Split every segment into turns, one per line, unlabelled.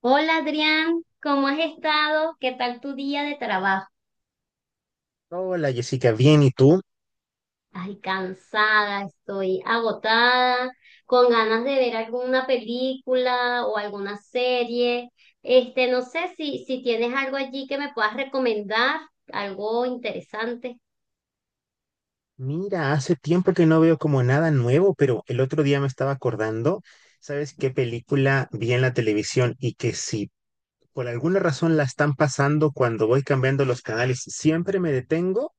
Hola Adrián, ¿cómo has estado? ¿Qué tal tu día de trabajo?
Hola Jessica, bien, ¿y tú?
Ay, cansada, estoy agotada, con ganas de ver alguna película o alguna serie. Este, no sé si tienes algo allí que me puedas recomendar, algo interesante.
Mira, hace tiempo que no veo como nada nuevo, pero el otro día me estaba acordando, ¿sabes qué película vi en la televisión y que si por alguna razón la están pasando cuando voy cambiando los canales, siempre me detengo?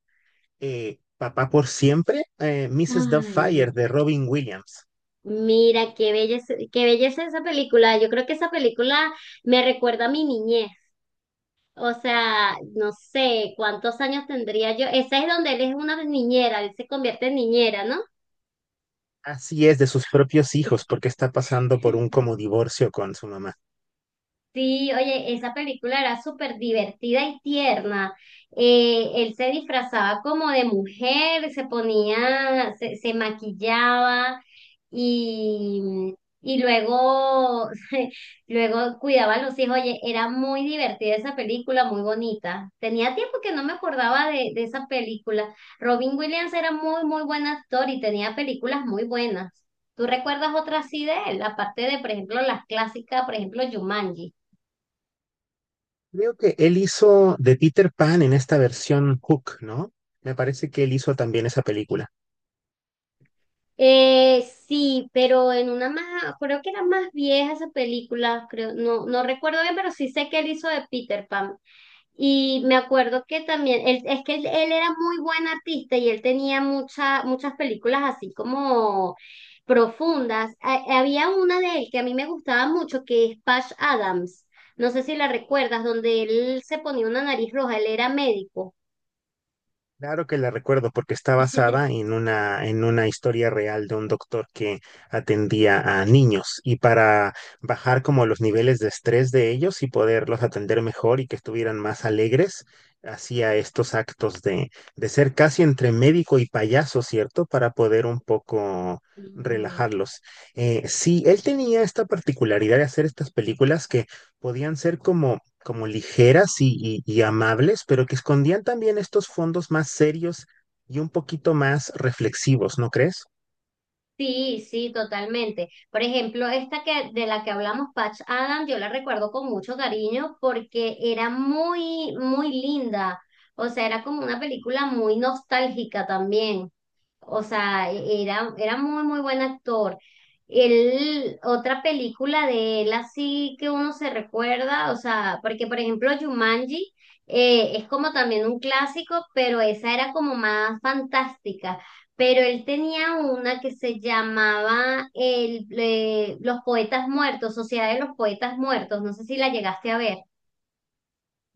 Papá por siempre, Mrs.
Ay,
Doubtfire de Robin Williams.
mira, qué belleza esa película. Yo creo que esa película me recuerda a mi niñez. O sea, no sé cuántos años tendría yo. Esa es donde él es una niñera, él se convierte en niñera, ¿no?
Así es, de sus propios hijos, porque está pasando por un como divorcio con su mamá.
Sí, oye, esa película era súper divertida y tierna. Él se disfrazaba como de mujer, se ponía, se maquillaba y, y luego, luego cuidaba a los hijos. Oye, era muy divertida esa película, muy bonita. Tenía tiempo que no me acordaba de esa película. Robin Williams era muy, muy buen actor y tenía películas muy buenas. ¿Tú recuerdas otra así de él? Aparte de, por ejemplo, las clásicas, por ejemplo, Jumanji.
Creo que él hizo de Peter Pan en esta versión Hook, ¿no? Me parece que él hizo también esa película.
Eh, sí, pero en una más, creo que era más vieja esa película, creo, no, no recuerdo bien, pero sí sé que él hizo de Peter Pan. Y me acuerdo que también, él, es que él era muy buen artista y él tenía mucha, muchas películas así como profundas. Había una de él que a mí me gustaba mucho, que es Patch Adams. No sé si la recuerdas, donde él se ponía una nariz roja, él era médico.
Claro que la recuerdo porque está basada en una historia real de un doctor que atendía a niños y para bajar como los niveles de estrés de ellos y poderlos atender mejor y que estuvieran más alegres, hacía estos actos de ser casi entre médico y payaso, ¿cierto? Para poder un poco relajarlos. Sí, él tenía esta particularidad de hacer estas películas que podían ser como ligeras y, y amables, pero que escondían también estos fondos más serios y un poquito más reflexivos, ¿no crees?
Sí, sí, totalmente. Por ejemplo, esta que de la que hablamos, Patch Adams, yo la recuerdo con mucho cariño porque era muy, muy linda. O sea, era como una película muy nostálgica también. O sea, era, era muy, muy buen actor. Él, otra película de él así que uno se recuerda, o sea, porque por ejemplo Jumanji es como también un clásico, pero esa era como más fantástica. Pero él tenía una que se llamaba el, Los Poetas Muertos, Sociedad de los Poetas Muertos, no sé si la llegaste a ver.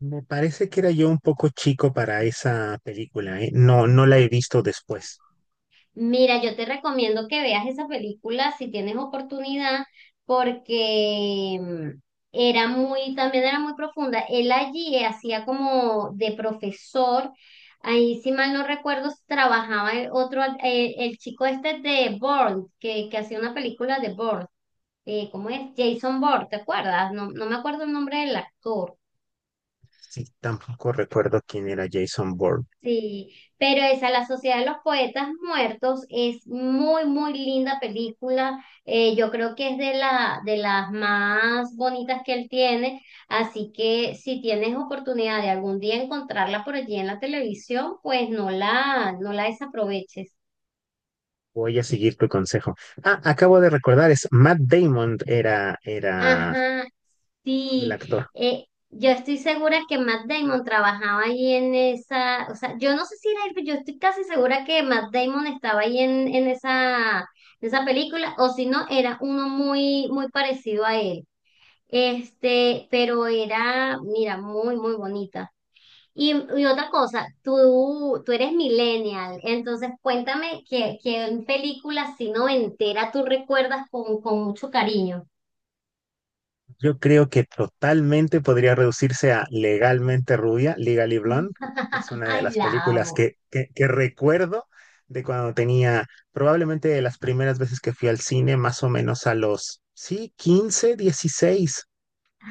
Me parece que era yo un poco chico para esa película, ¿eh? No, no la he visto después.
Mira, yo te recomiendo que veas esa película si tienes oportunidad, porque era muy, también era muy profunda. Él allí hacía como de profesor, ahí si mal no recuerdo, trabajaba el otro, el, chico este de Bourne, que hacía una película de Bourne, ¿cómo es? Jason Bourne, ¿te acuerdas? No, no me acuerdo el nombre del actor.
Sí, tampoco recuerdo quién era Jason Bourne.
Sí, pero esa, La Sociedad de los Poetas Muertos, es muy, muy linda película. Yo creo que es de la, de las más bonitas que él tiene. Así que si tienes oportunidad de algún día encontrarla por allí en la televisión, pues no no la desaproveches.
Voy a seguir tu consejo. Ah, acabo de recordar, es Matt Damon era
Ajá,
el
sí,
actor.
yo estoy segura que Matt Damon trabajaba ahí en esa, o sea, yo no sé si era él, pero yo estoy casi segura que Matt Damon estaba ahí en esa película, o si no, era uno muy, muy parecido a él. Este, pero era, mira, muy, muy bonita. Y, y otra cosa, tú eres millennial, entonces cuéntame que en películas si noventera tú recuerdas con mucho cariño.
Yo creo que totalmente podría reducirse a Legalmente Rubia, Legally Blonde. Es una de
Ay,
las
la
películas
amo.
que recuerdo de cuando tenía, probablemente de las primeras veces que fui al cine, más o menos a los, sí, 15 16.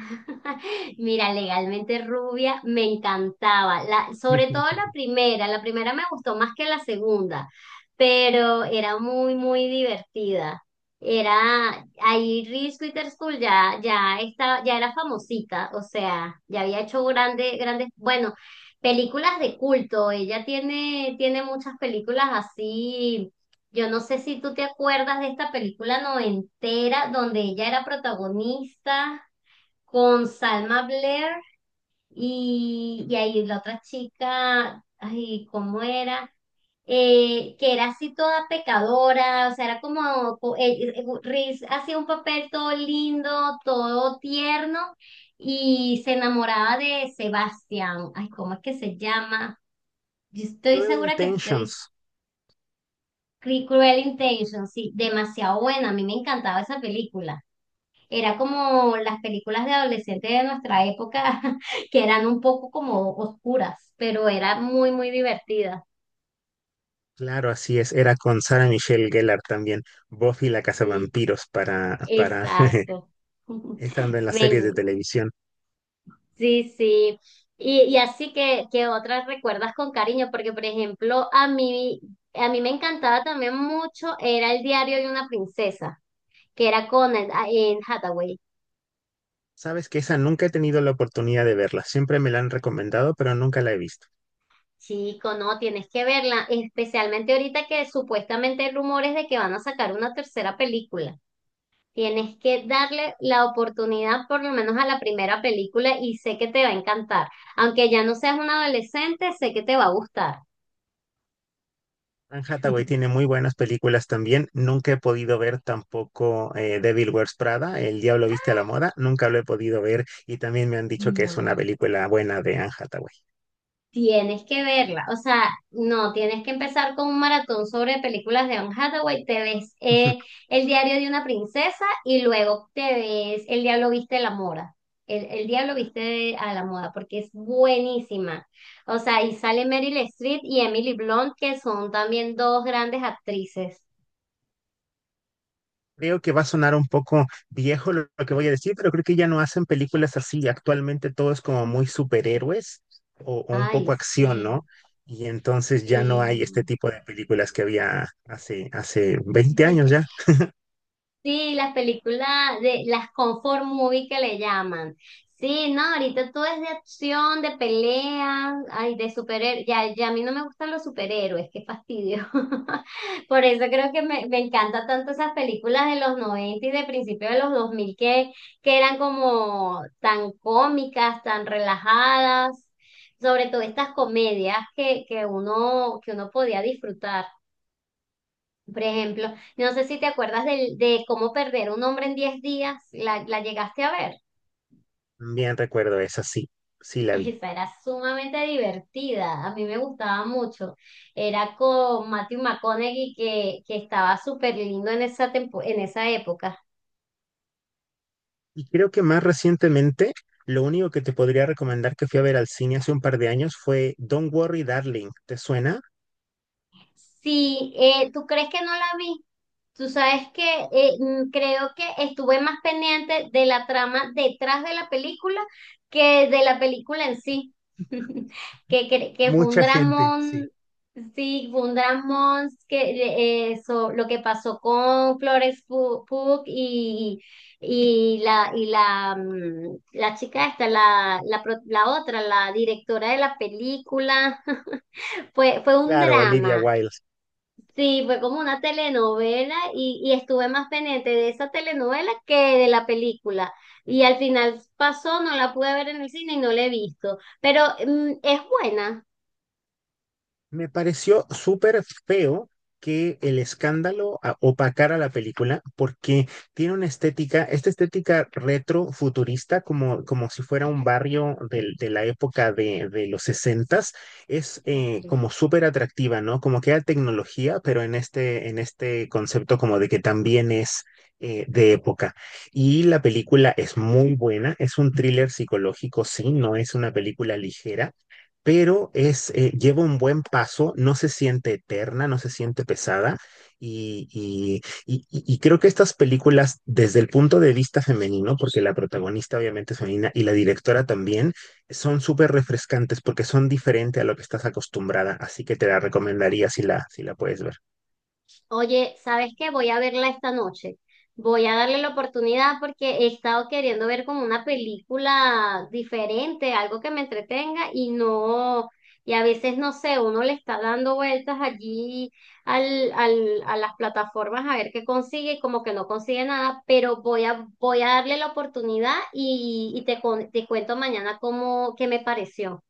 Mira, legalmente rubia me encantaba, la, sobre todo la primera me gustó más que la segunda, pero era muy, muy divertida. Era, ahí Reese Witherspoon ya estaba, ya era famosita, o sea, ya había hecho grandes, grandes, bueno, películas de culto, ella tiene, tiene muchas películas así. Yo no sé si tú te acuerdas de esta película noventera donde ella era protagonista con Salma Blair y ahí la otra chica, ay, ¿cómo era? Que era así toda pecadora, o sea, era como, Reese hacía un papel todo lindo, todo tierno, y se enamoraba de Sebastián, ay, ¿cómo es que se llama? Yo estoy
Real
segura que tú te viste
Intentions.
Cruel Intentions, sí, demasiado buena, a mí me encantaba esa película. Era como las películas de adolescentes de nuestra época, que eran un poco como oscuras, pero era muy, muy divertida.
Claro, así es. Era con Sarah Michelle Gellar también. Buffy la
Sí,
cazavampiros para
exacto.
estando en las series de
Ven,
televisión.
sí, sí. Y así que otras recuerdas con cariño, porque por ejemplo, a mí me encantaba también mucho, era el diario de una princesa, que era con en Hathaway.
Sabes que esa nunca he tenido la oportunidad de verla. Siempre me la han recomendado, pero nunca la he visto.
Chico, no, tienes que verla, especialmente ahorita que supuestamente hay rumores de que van a sacar una tercera película. Tienes que darle la oportunidad por lo menos a la primera película y sé que te va a encantar. Aunque ya no seas un adolescente, sé que te va a gustar.
Anne Hathaway tiene muy buenas películas también. Nunca he podido ver tampoco Devil Wears Prada, El Diablo Viste a la Moda. Nunca lo he podido ver y también me han dicho que es una
No.
película buena de Anne Hathaway.
Tienes que verla, o sea, no, tienes que empezar con un maratón sobre películas de Anne Hathaway, te ves El diario de una princesa y luego te ves El diablo viste a la moda, el diablo viste a la moda, porque es buenísima, o sea, y sale Meryl Streep y Emily Blunt, que son también dos grandes actrices.
Creo que va a sonar un poco viejo lo que voy a decir, pero creo que ya no hacen películas así. Actualmente todo es como muy superhéroes o un
Ay,
poco acción,
sí,
¿no? Y entonces ya no hay este
sí.
tipo de películas que había hace 20 años ya.
Sí, las películas de las comfort movie que le llaman. Sí, no, ahorita todo es de acción, de pelea, ay, de superhéroes. Ya, ya a mí no me gustan los superhéroes, qué fastidio. Por eso creo que me encanta tanto esas películas de los 90 y de principios de los 2000 que eran como tan cómicas, tan relajadas, sobre todo estas comedias que uno podía disfrutar. Por ejemplo, no sé si te acuerdas de cómo perder un hombre en diez días, la llegaste a ver.
Bien recuerdo esa, sí, sí la vi.
Esa era sumamente divertida, a mí me gustaba mucho. Era con Matthew McConaughey que estaba súper lindo en esa, en esa época.
Y creo que más recientemente, lo único que te podría recomendar que fui a ver al cine hace un par de años fue Don't Worry Darling. ¿Te suena?
Sí, ¿tú crees que no la vi? Tú sabes que creo que estuve más pendiente de la trama detrás de la película que de la película en sí. Que fue un
Mucha gente, sí.
dramón, sí, fue un dramón que, lo que pasó con Florence Pugh Pugh y la, y la, la chica esta, la otra, la directora de la película, fue, fue un
Claro, Olivia
drama.
Wilde.
Sí, fue como una telenovela y estuve más pendiente de esa telenovela que de la película. Y al final pasó, no la pude ver en el cine y no la he visto. Pero es buena.
Me pareció súper feo que el escándalo a- opacara la película porque tiene una estética, esta estética retro futurista, como, como si fuera un barrio del- de, la época de los sesentas, es
Ok.
como súper atractiva, ¿no? Como que era tecnología, pero en este concepto como de que también es... de época. Y la película es muy buena, es un thriller psicológico, sí, no es una película ligera, pero es, lleva un buen paso, no se siente eterna, no se siente pesada. Y, y creo que estas películas, desde el punto de vista femenino, porque la protagonista obviamente es femenina y la directora también, son súper refrescantes porque son diferentes a lo que estás acostumbrada, así que te la recomendaría si si la puedes ver.
Oye, ¿sabes qué? Voy a verla esta noche. Voy a darle la oportunidad porque he estado queriendo ver como una película diferente, algo que me entretenga y no, y a veces no sé, uno le está dando vueltas allí a las plataformas a ver qué consigue y como que no consigue nada, pero voy a, voy a darle la oportunidad y, te cuento mañana cómo, qué me pareció.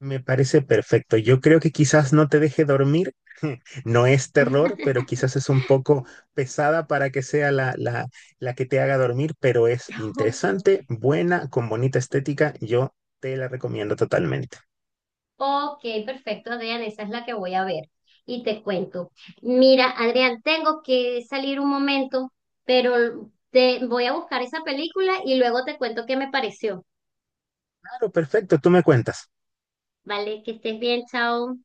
Me parece perfecto. Yo creo que quizás no te deje dormir. No es terror, pero quizás es un poco pesada para que sea la que te haga dormir, pero es
Ok.
interesante, buena, con bonita estética. Yo te la recomiendo totalmente.
Ok, perfecto, Adrián, esa es la que voy a ver y te cuento. Mira, Adrián, tengo que salir un momento, pero te voy a buscar esa película y luego te cuento qué me pareció.
Claro, perfecto. Tú me cuentas.
Vale, que estés bien, chao.